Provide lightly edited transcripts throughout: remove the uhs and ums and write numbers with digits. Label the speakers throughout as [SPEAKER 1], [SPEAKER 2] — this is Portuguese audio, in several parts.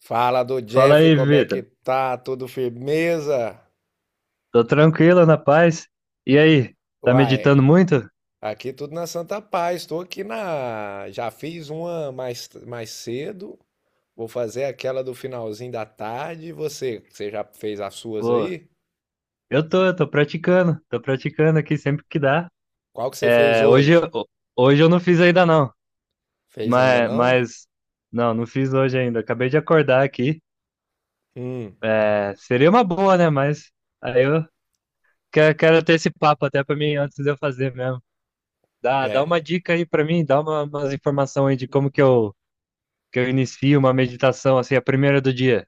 [SPEAKER 1] Fala do
[SPEAKER 2] Fala
[SPEAKER 1] Jeff,
[SPEAKER 2] aí,
[SPEAKER 1] como é que
[SPEAKER 2] Vitor.
[SPEAKER 1] tá? Tudo firmeza?
[SPEAKER 2] Tô tranquilo, na paz. E aí, tá
[SPEAKER 1] Uai,
[SPEAKER 2] meditando muito?
[SPEAKER 1] aqui tudo na Santa Paz. Estou aqui na. Já fiz uma mais cedo. Vou fazer aquela do finalzinho da tarde. E você já fez as suas
[SPEAKER 2] Pô,
[SPEAKER 1] aí?
[SPEAKER 2] eu tô praticando aqui sempre que dá.
[SPEAKER 1] Qual que você fez
[SPEAKER 2] É, hoje,
[SPEAKER 1] hoje?
[SPEAKER 2] hoje eu não fiz ainda não,
[SPEAKER 1] Fez ainda
[SPEAKER 2] mas,
[SPEAKER 1] não?
[SPEAKER 2] mas não fiz hoje ainda. Acabei de acordar aqui.
[SPEAKER 1] Hum,
[SPEAKER 2] É, seria uma boa, né? Mas aí eu quero ter esse papo até pra mim antes de eu fazer mesmo. Dá
[SPEAKER 1] é.
[SPEAKER 2] uma dica aí pra mim, dá umas informações aí de como que que eu inicio uma meditação assim, a primeira do dia.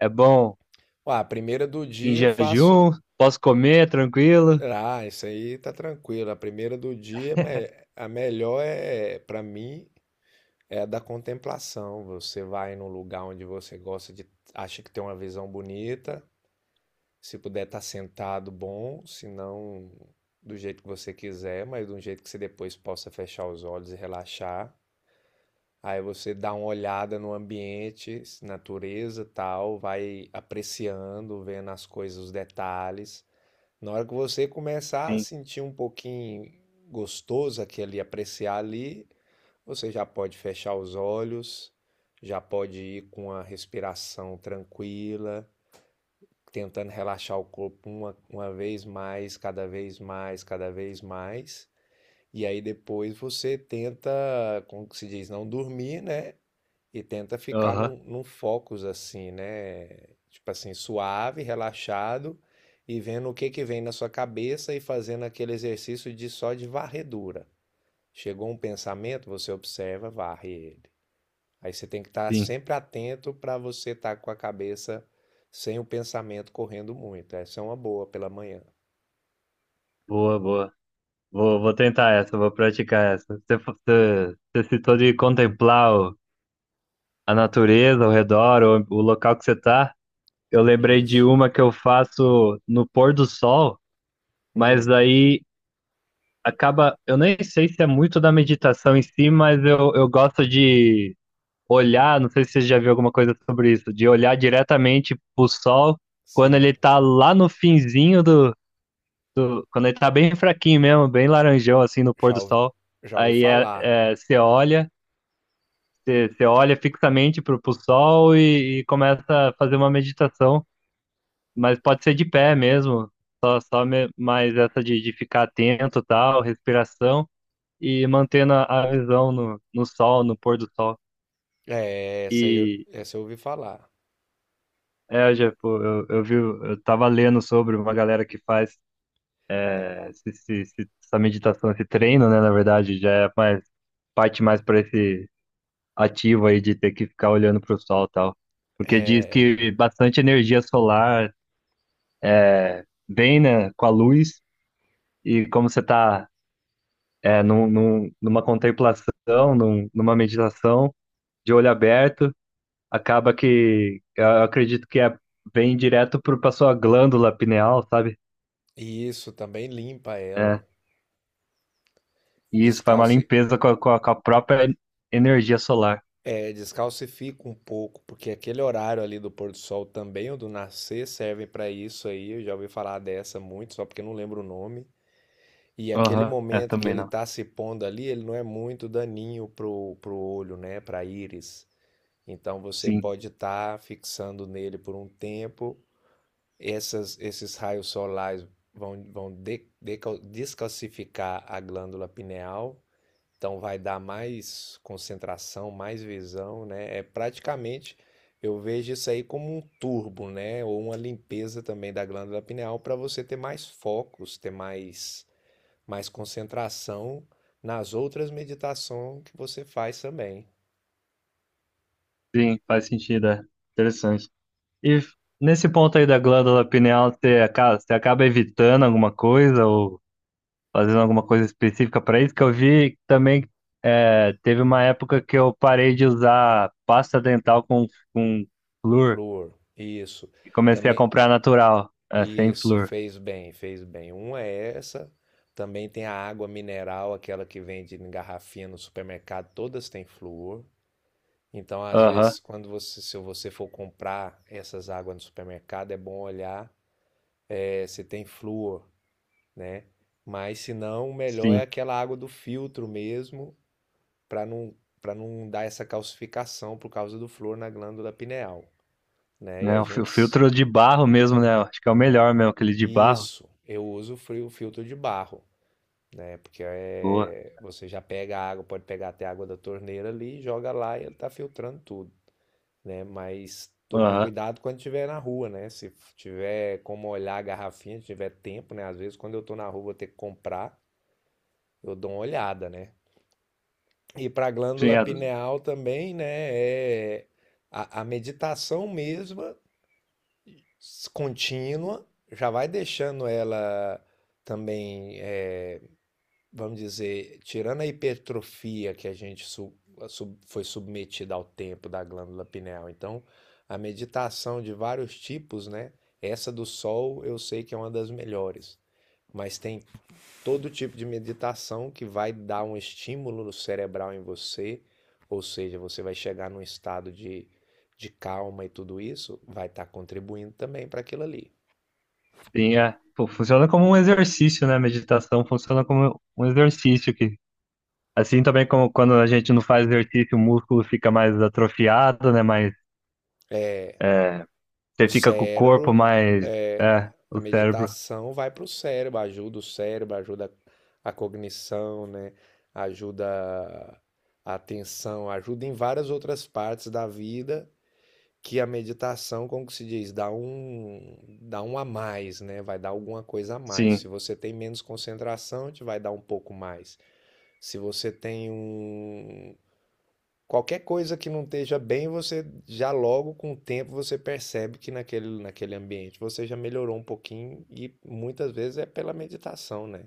[SPEAKER 2] É bom.
[SPEAKER 1] Uai, a primeira do
[SPEAKER 2] Em
[SPEAKER 1] dia eu faço.
[SPEAKER 2] jejum, posso comer tranquilo.
[SPEAKER 1] Ah, isso aí tá tranquilo. A primeira do dia, a melhor é, pra mim, é da contemplação. Você vai num lugar onde você gosta de, acha que tem uma visão bonita. Se puder estar sentado, bom. Se não, do jeito que você quiser, mas de um jeito que você depois possa fechar os olhos e relaxar. Aí você dá uma olhada no ambiente, natureza, e tal, vai apreciando, vendo as coisas, os detalhes. Na hora que você começar a
[SPEAKER 2] Sim,
[SPEAKER 1] sentir um pouquinho gostoso aquele apreciar ali, você já pode fechar os olhos, já pode ir com a respiração tranquila, tentando relaxar o corpo uma vez mais, cada vez mais, cada vez mais. E aí depois você tenta, como que se diz, não dormir, né? E tenta ficar
[SPEAKER 2] aham,
[SPEAKER 1] num focus assim, né? Tipo assim, suave, relaxado e vendo o que que vem na sua cabeça e fazendo aquele exercício de só de varredura. Chegou um pensamento, você observa, varre ele. Aí você tem que estar
[SPEAKER 2] sim.
[SPEAKER 1] sempre atento para você estar com a cabeça sem o pensamento correndo muito. Essa é uma boa pela manhã.
[SPEAKER 2] Boa, boa. Vou tentar essa, vou praticar essa. Você citou de contemplar a natureza ao redor, o local que você tá. Eu lembrei de
[SPEAKER 1] Isso.
[SPEAKER 2] uma que eu faço no pôr do sol,
[SPEAKER 1] Hum,
[SPEAKER 2] mas aí acaba. Eu nem sei se é muito da meditação em si, mas eu gosto de olhar. Não sei se você já viu alguma coisa sobre isso, de olhar diretamente pro sol quando
[SPEAKER 1] sim.
[SPEAKER 2] ele tá lá no finzinho quando ele tá bem fraquinho mesmo, bem laranjão, assim, no pôr
[SPEAKER 1] Já
[SPEAKER 2] do
[SPEAKER 1] ouvi,
[SPEAKER 2] sol.
[SPEAKER 1] já ouvi
[SPEAKER 2] Aí
[SPEAKER 1] falar.
[SPEAKER 2] você olha fixamente pro sol e começa a fazer uma meditação, mas pode ser de pé mesmo, mais essa de ficar atento, tal, respiração, e mantendo a visão no sol, no pôr do sol.
[SPEAKER 1] É,
[SPEAKER 2] E
[SPEAKER 1] essa eu ouvi falar.
[SPEAKER 2] já, pô, eu tava lendo sobre uma galera que faz essa meditação, esse treino, né, na verdade, já é mais, parte mais para esse ativo aí de ter que ficar olhando para o sol e tal. Porque diz
[SPEAKER 1] É,
[SPEAKER 2] que bastante energia solar vem, né, com a luz e como você está numa contemplação, numa meditação de olho aberto, acaba que eu acredito que vem direto para a sua glândula pineal, sabe?
[SPEAKER 1] isso também limpa
[SPEAKER 2] É,
[SPEAKER 1] ela.
[SPEAKER 2] e isso faz uma
[SPEAKER 1] Descalce,
[SPEAKER 2] limpeza com a própria energia solar.
[SPEAKER 1] é, descalcifica um pouco, porque aquele horário ali do pôr do sol também, ou do nascer, servem para isso aí. Eu já ouvi falar dessa muito, só porque eu não lembro o nome. E aquele
[SPEAKER 2] Aham, é,
[SPEAKER 1] momento que
[SPEAKER 2] também
[SPEAKER 1] ele
[SPEAKER 2] não.
[SPEAKER 1] está se pondo ali, ele não é muito daninho pro olho, né? Para íris. Então você
[SPEAKER 2] Sim,
[SPEAKER 1] pode estar tá fixando nele por um tempo. Esses raios solares vão, vão descalcificar a glândula pineal. Então vai dar mais concentração, mais visão, né? É praticamente eu vejo isso aí como um turbo, né? Ou uma limpeza também da glândula pineal para você ter mais focos, ter mais mais concentração nas outras meditações que você faz também.
[SPEAKER 2] sim, faz sentido, é. Interessante. E nesse ponto aí da glândula pineal, você acaba evitando alguma coisa ou fazendo alguma coisa específica para isso? Que eu vi também, teve uma época que eu parei de usar pasta dental com flúor
[SPEAKER 1] Flor, isso.
[SPEAKER 2] e comecei a
[SPEAKER 1] Também,
[SPEAKER 2] comprar natural, sem
[SPEAKER 1] isso,
[SPEAKER 2] flúor.
[SPEAKER 1] fez bem, fez bem. Uma é essa. Também tem a água mineral, aquela que vende em garrafinha no supermercado, todas têm flúor. Então, às
[SPEAKER 2] Aham,
[SPEAKER 1] vezes, se você for comprar essas águas no supermercado, é bom olhar se tem flúor, né? Mas se não, o melhor é
[SPEAKER 2] sim.
[SPEAKER 1] aquela água do filtro mesmo, para não, para não dar essa calcificação por causa do flúor na glândula pineal, né? E
[SPEAKER 2] Né,
[SPEAKER 1] a
[SPEAKER 2] o
[SPEAKER 1] gente.
[SPEAKER 2] filtro de barro mesmo, né? Acho que é o melhor mesmo, aquele de barro.
[SPEAKER 1] Isso, eu uso filtro de barro, né? Porque
[SPEAKER 2] Boa.
[SPEAKER 1] é, você já pega a água, pode pegar até a água da torneira ali, joga lá e ele tá filtrando tudo, né? Mas tomar
[SPEAKER 2] Aham.
[SPEAKER 1] cuidado quando estiver na rua, né? Se tiver como olhar a garrafinha, se tiver tempo, né? Às vezes quando eu tô na rua vou ter que comprar, eu dou uma olhada, né? E para a
[SPEAKER 2] Sim,
[SPEAKER 1] glândula
[SPEAKER 2] é,
[SPEAKER 1] pineal também, né? É a meditação mesma, contínua, já vai deixando ela também, é, vamos dizer, tirando a hipertrofia que a gente su- a sub- foi submetida ao tempo da glândula pineal. Então, a meditação de vários tipos, né? Essa do sol eu sei que é uma das melhores, mas tem todo tipo de meditação que vai dar um estímulo cerebral em você, ou seja, você vai chegar num estado de calma e tudo isso, vai estar tá contribuindo também para aquilo ali.
[SPEAKER 2] sim, é. Pô, funciona como um exercício, né? Meditação funciona como um exercício que assim também como quando a gente não faz exercício, o músculo fica mais atrofiado, né? Mais, é, você
[SPEAKER 1] O
[SPEAKER 2] fica com o corpo
[SPEAKER 1] cérebro,
[SPEAKER 2] mais,
[SPEAKER 1] é, a
[SPEAKER 2] o cérebro.
[SPEAKER 1] meditação vai para o cérebro, ajuda a cognição, né? Ajuda a atenção, ajuda em várias outras partes da vida. Que a meditação, como que se diz, dá um a mais, né? Vai dar alguma coisa a mais. Se
[SPEAKER 2] Sim,
[SPEAKER 1] você tem menos concentração, te vai dar um pouco mais. Se você tem um qualquer coisa que não esteja bem, você já logo com o tempo você percebe que naquele ambiente você já melhorou um pouquinho e muitas vezes é pela meditação, né?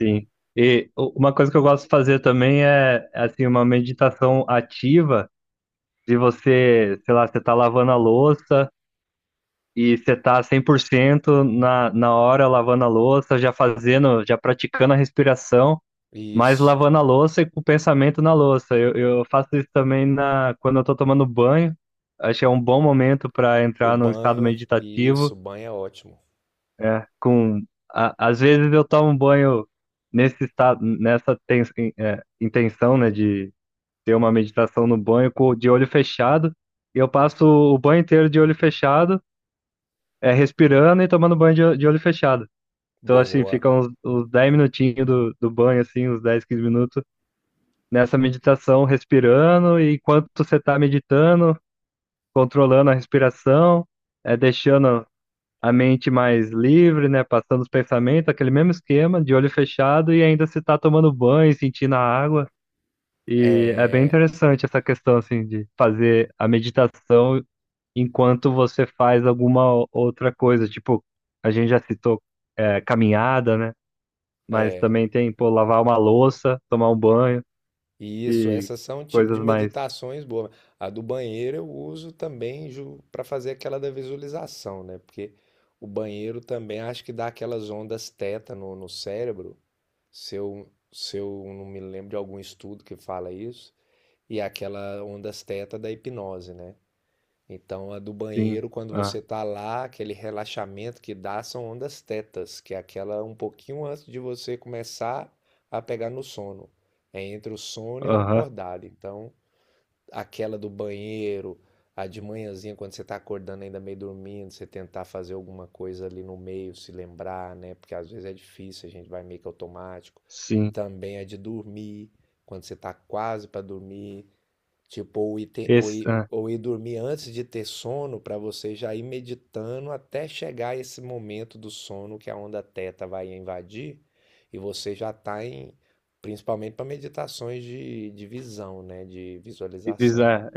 [SPEAKER 2] sim. E uma coisa que eu gosto de fazer também é, assim, uma meditação ativa, de você, sei lá, você tá lavando a louça e você tá 100% na hora lavando a louça, já fazendo, já praticando a respiração. Mas
[SPEAKER 1] Isso.
[SPEAKER 2] lavando a louça e com o pensamento na louça. Eu faço isso também quando eu tô tomando banho. Acho que é um bom momento para
[SPEAKER 1] O
[SPEAKER 2] entrar num estado
[SPEAKER 1] banho, isso,
[SPEAKER 2] meditativo.
[SPEAKER 1] o banho é ótimo.
[SPEAKER 2] É, às vezes eu tomo banho nesse estado, intenção, né, de ter uma meditação no banho de olho fechado. E eu passo o banho inteiro de olho fechado, respirando e tomando banho de olho fechado. Então, assim,
[SPEAKER 1] Boa.
[SPEAKER 2] fica uns 10 minutinhos do banho, assim, uns 10 15 minutos nessa meditação respirando e enquanto você está meditando, controlando a respiração, deixando a mente mais livre, né, passando os pensamentos, aquele mesmo esquema de olho fechado e ainda se está tomando banho, sentindo a água. E é bem
[SPEAKER 1] É,
[SPEAKER 2] interessante essa questão assim de fazer a meditação enquanto você faz alguma outra coisa, tipo, a gente já citou caminhada, né? Mas
[SPEAKER 1] é.
[SPEAKER 2] também tem, pô, lavar uma louça, tomar um banho
[SPEAKER 1] Isso,
[SPEAKER 2] e
[SPEAKER 1] essas são um tipo
[SPEAKER 2] coisas
[SPEAKER 1] de
[SPEAKER 2] mais.
[SPEAKER 1] meditações boas. A do banheiro eu uso também para fazer aquela da visualização, né? Porque o banheiro também acho que dá aquelas ondas teta no cérebro, se eu não me lembro de algum estudo que fala isso, e é aquela ondas teta da hipnose, né? Então, a do
[SPEAKER 2] Sim.
[SPEAKER 1] banheiro, quando
[SPEAKER 2] Ah,
[SPEAKER 1] você tá lá, aquele relaxamento que dá são ondas tetas, que é aquela um pouquinho antes de você começar a pegar no sono. É entre o sono e o
[SPEAKER 2] aham,
[SPEAKER 1] acordado. Então, aquela do banheiro, a de manhãzinha, quando você tá acordando ainda meio dormindo, você tentar fazer alguma coisa ali no meio, se lembrar, né? Porque às vezes é difícil, a gente vai meio que automático.
[SPEAKER 2] sim.
[SPEAKER 1] Também a de dormir, quando você tá quase para dormir. Tipo,
[SPEAKER 2] Esse, ah,
[SPEAKER 1] ou ir dormir antes de ter sono para você já ir meditando até chegar esse momento do sono que a onda teta vai invadir e você já tá em, principalmente para meditações de visão, né, de
[SPEAKER 2] esses,
[SPEAKER 1] visualização.
[SPEAKER 2] ah,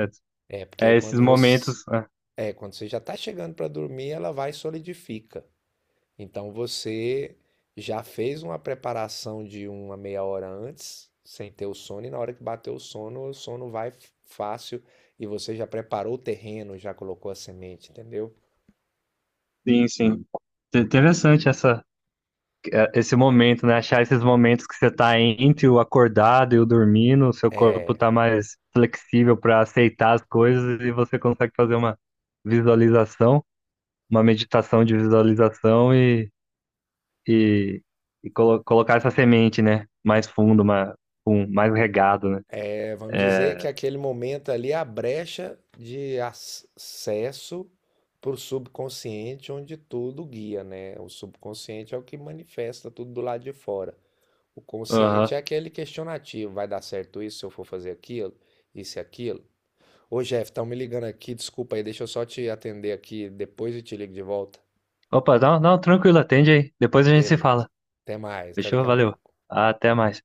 [SPEAKER 1] É, porque
[SPEAKER 2] é,
[SPEAKER 1] aí
[SPEAKER 2] é, esses
[SPEAKER 1] quando você,
[SPEAKER 2] momentos. Ah,
[SPEAKER 1] é, quando você já tá chegando para dormir, ela vai e solidifica. Então você já fez uma preparação de uma meia hora antes, sem ter o sono, e na hora que bateu o sono vai fácil e você já preparou o terreno, já colocou a semente, entendeu?
[SPEAKER 2] sim, sim. Interessante essa, esse momento, né? Achar esses momentos que você tá entre o acordado e o dormindo, o seu corpo
[SPEAKER 1] É,
[SPEAKER 2] tá mais flexível para aceitar as coisas e você consegue fazer uma visualização, uma meditação de visualização e, e colocar essa semente, né? Mais fundo, mais regado, né?
[SPEAKER 1] é, vamos dizer que aquele momento ali é a brecha de acesso para o subconsciente, onde tudo guia, né? O subconsciente é o que manifesta tudo do lado de fora. O consciente é aquele questionativo, vai dar certo isso se eu for fazer aquilo, isso e aquilo. Ô, Jeff, estão me ligando aqui, desculpa aí, deixa eu só te atender aqui depois e te ligo de volta.
[SPEAKER 2] Opa, não, não, tranquilo, atende aí. Depois a gente se
[SPEAKER 1] Beleza.
[SPEAKER 2] fala.
[SPEAKER 1] Até mais, até
[SPEAKER 2] Fechou?
[SPEAKER 1] daqui a
[SPEAKER 2] Valeu.
[SPEAKER 1] pouco.
[SPEAKER 2] Até mais.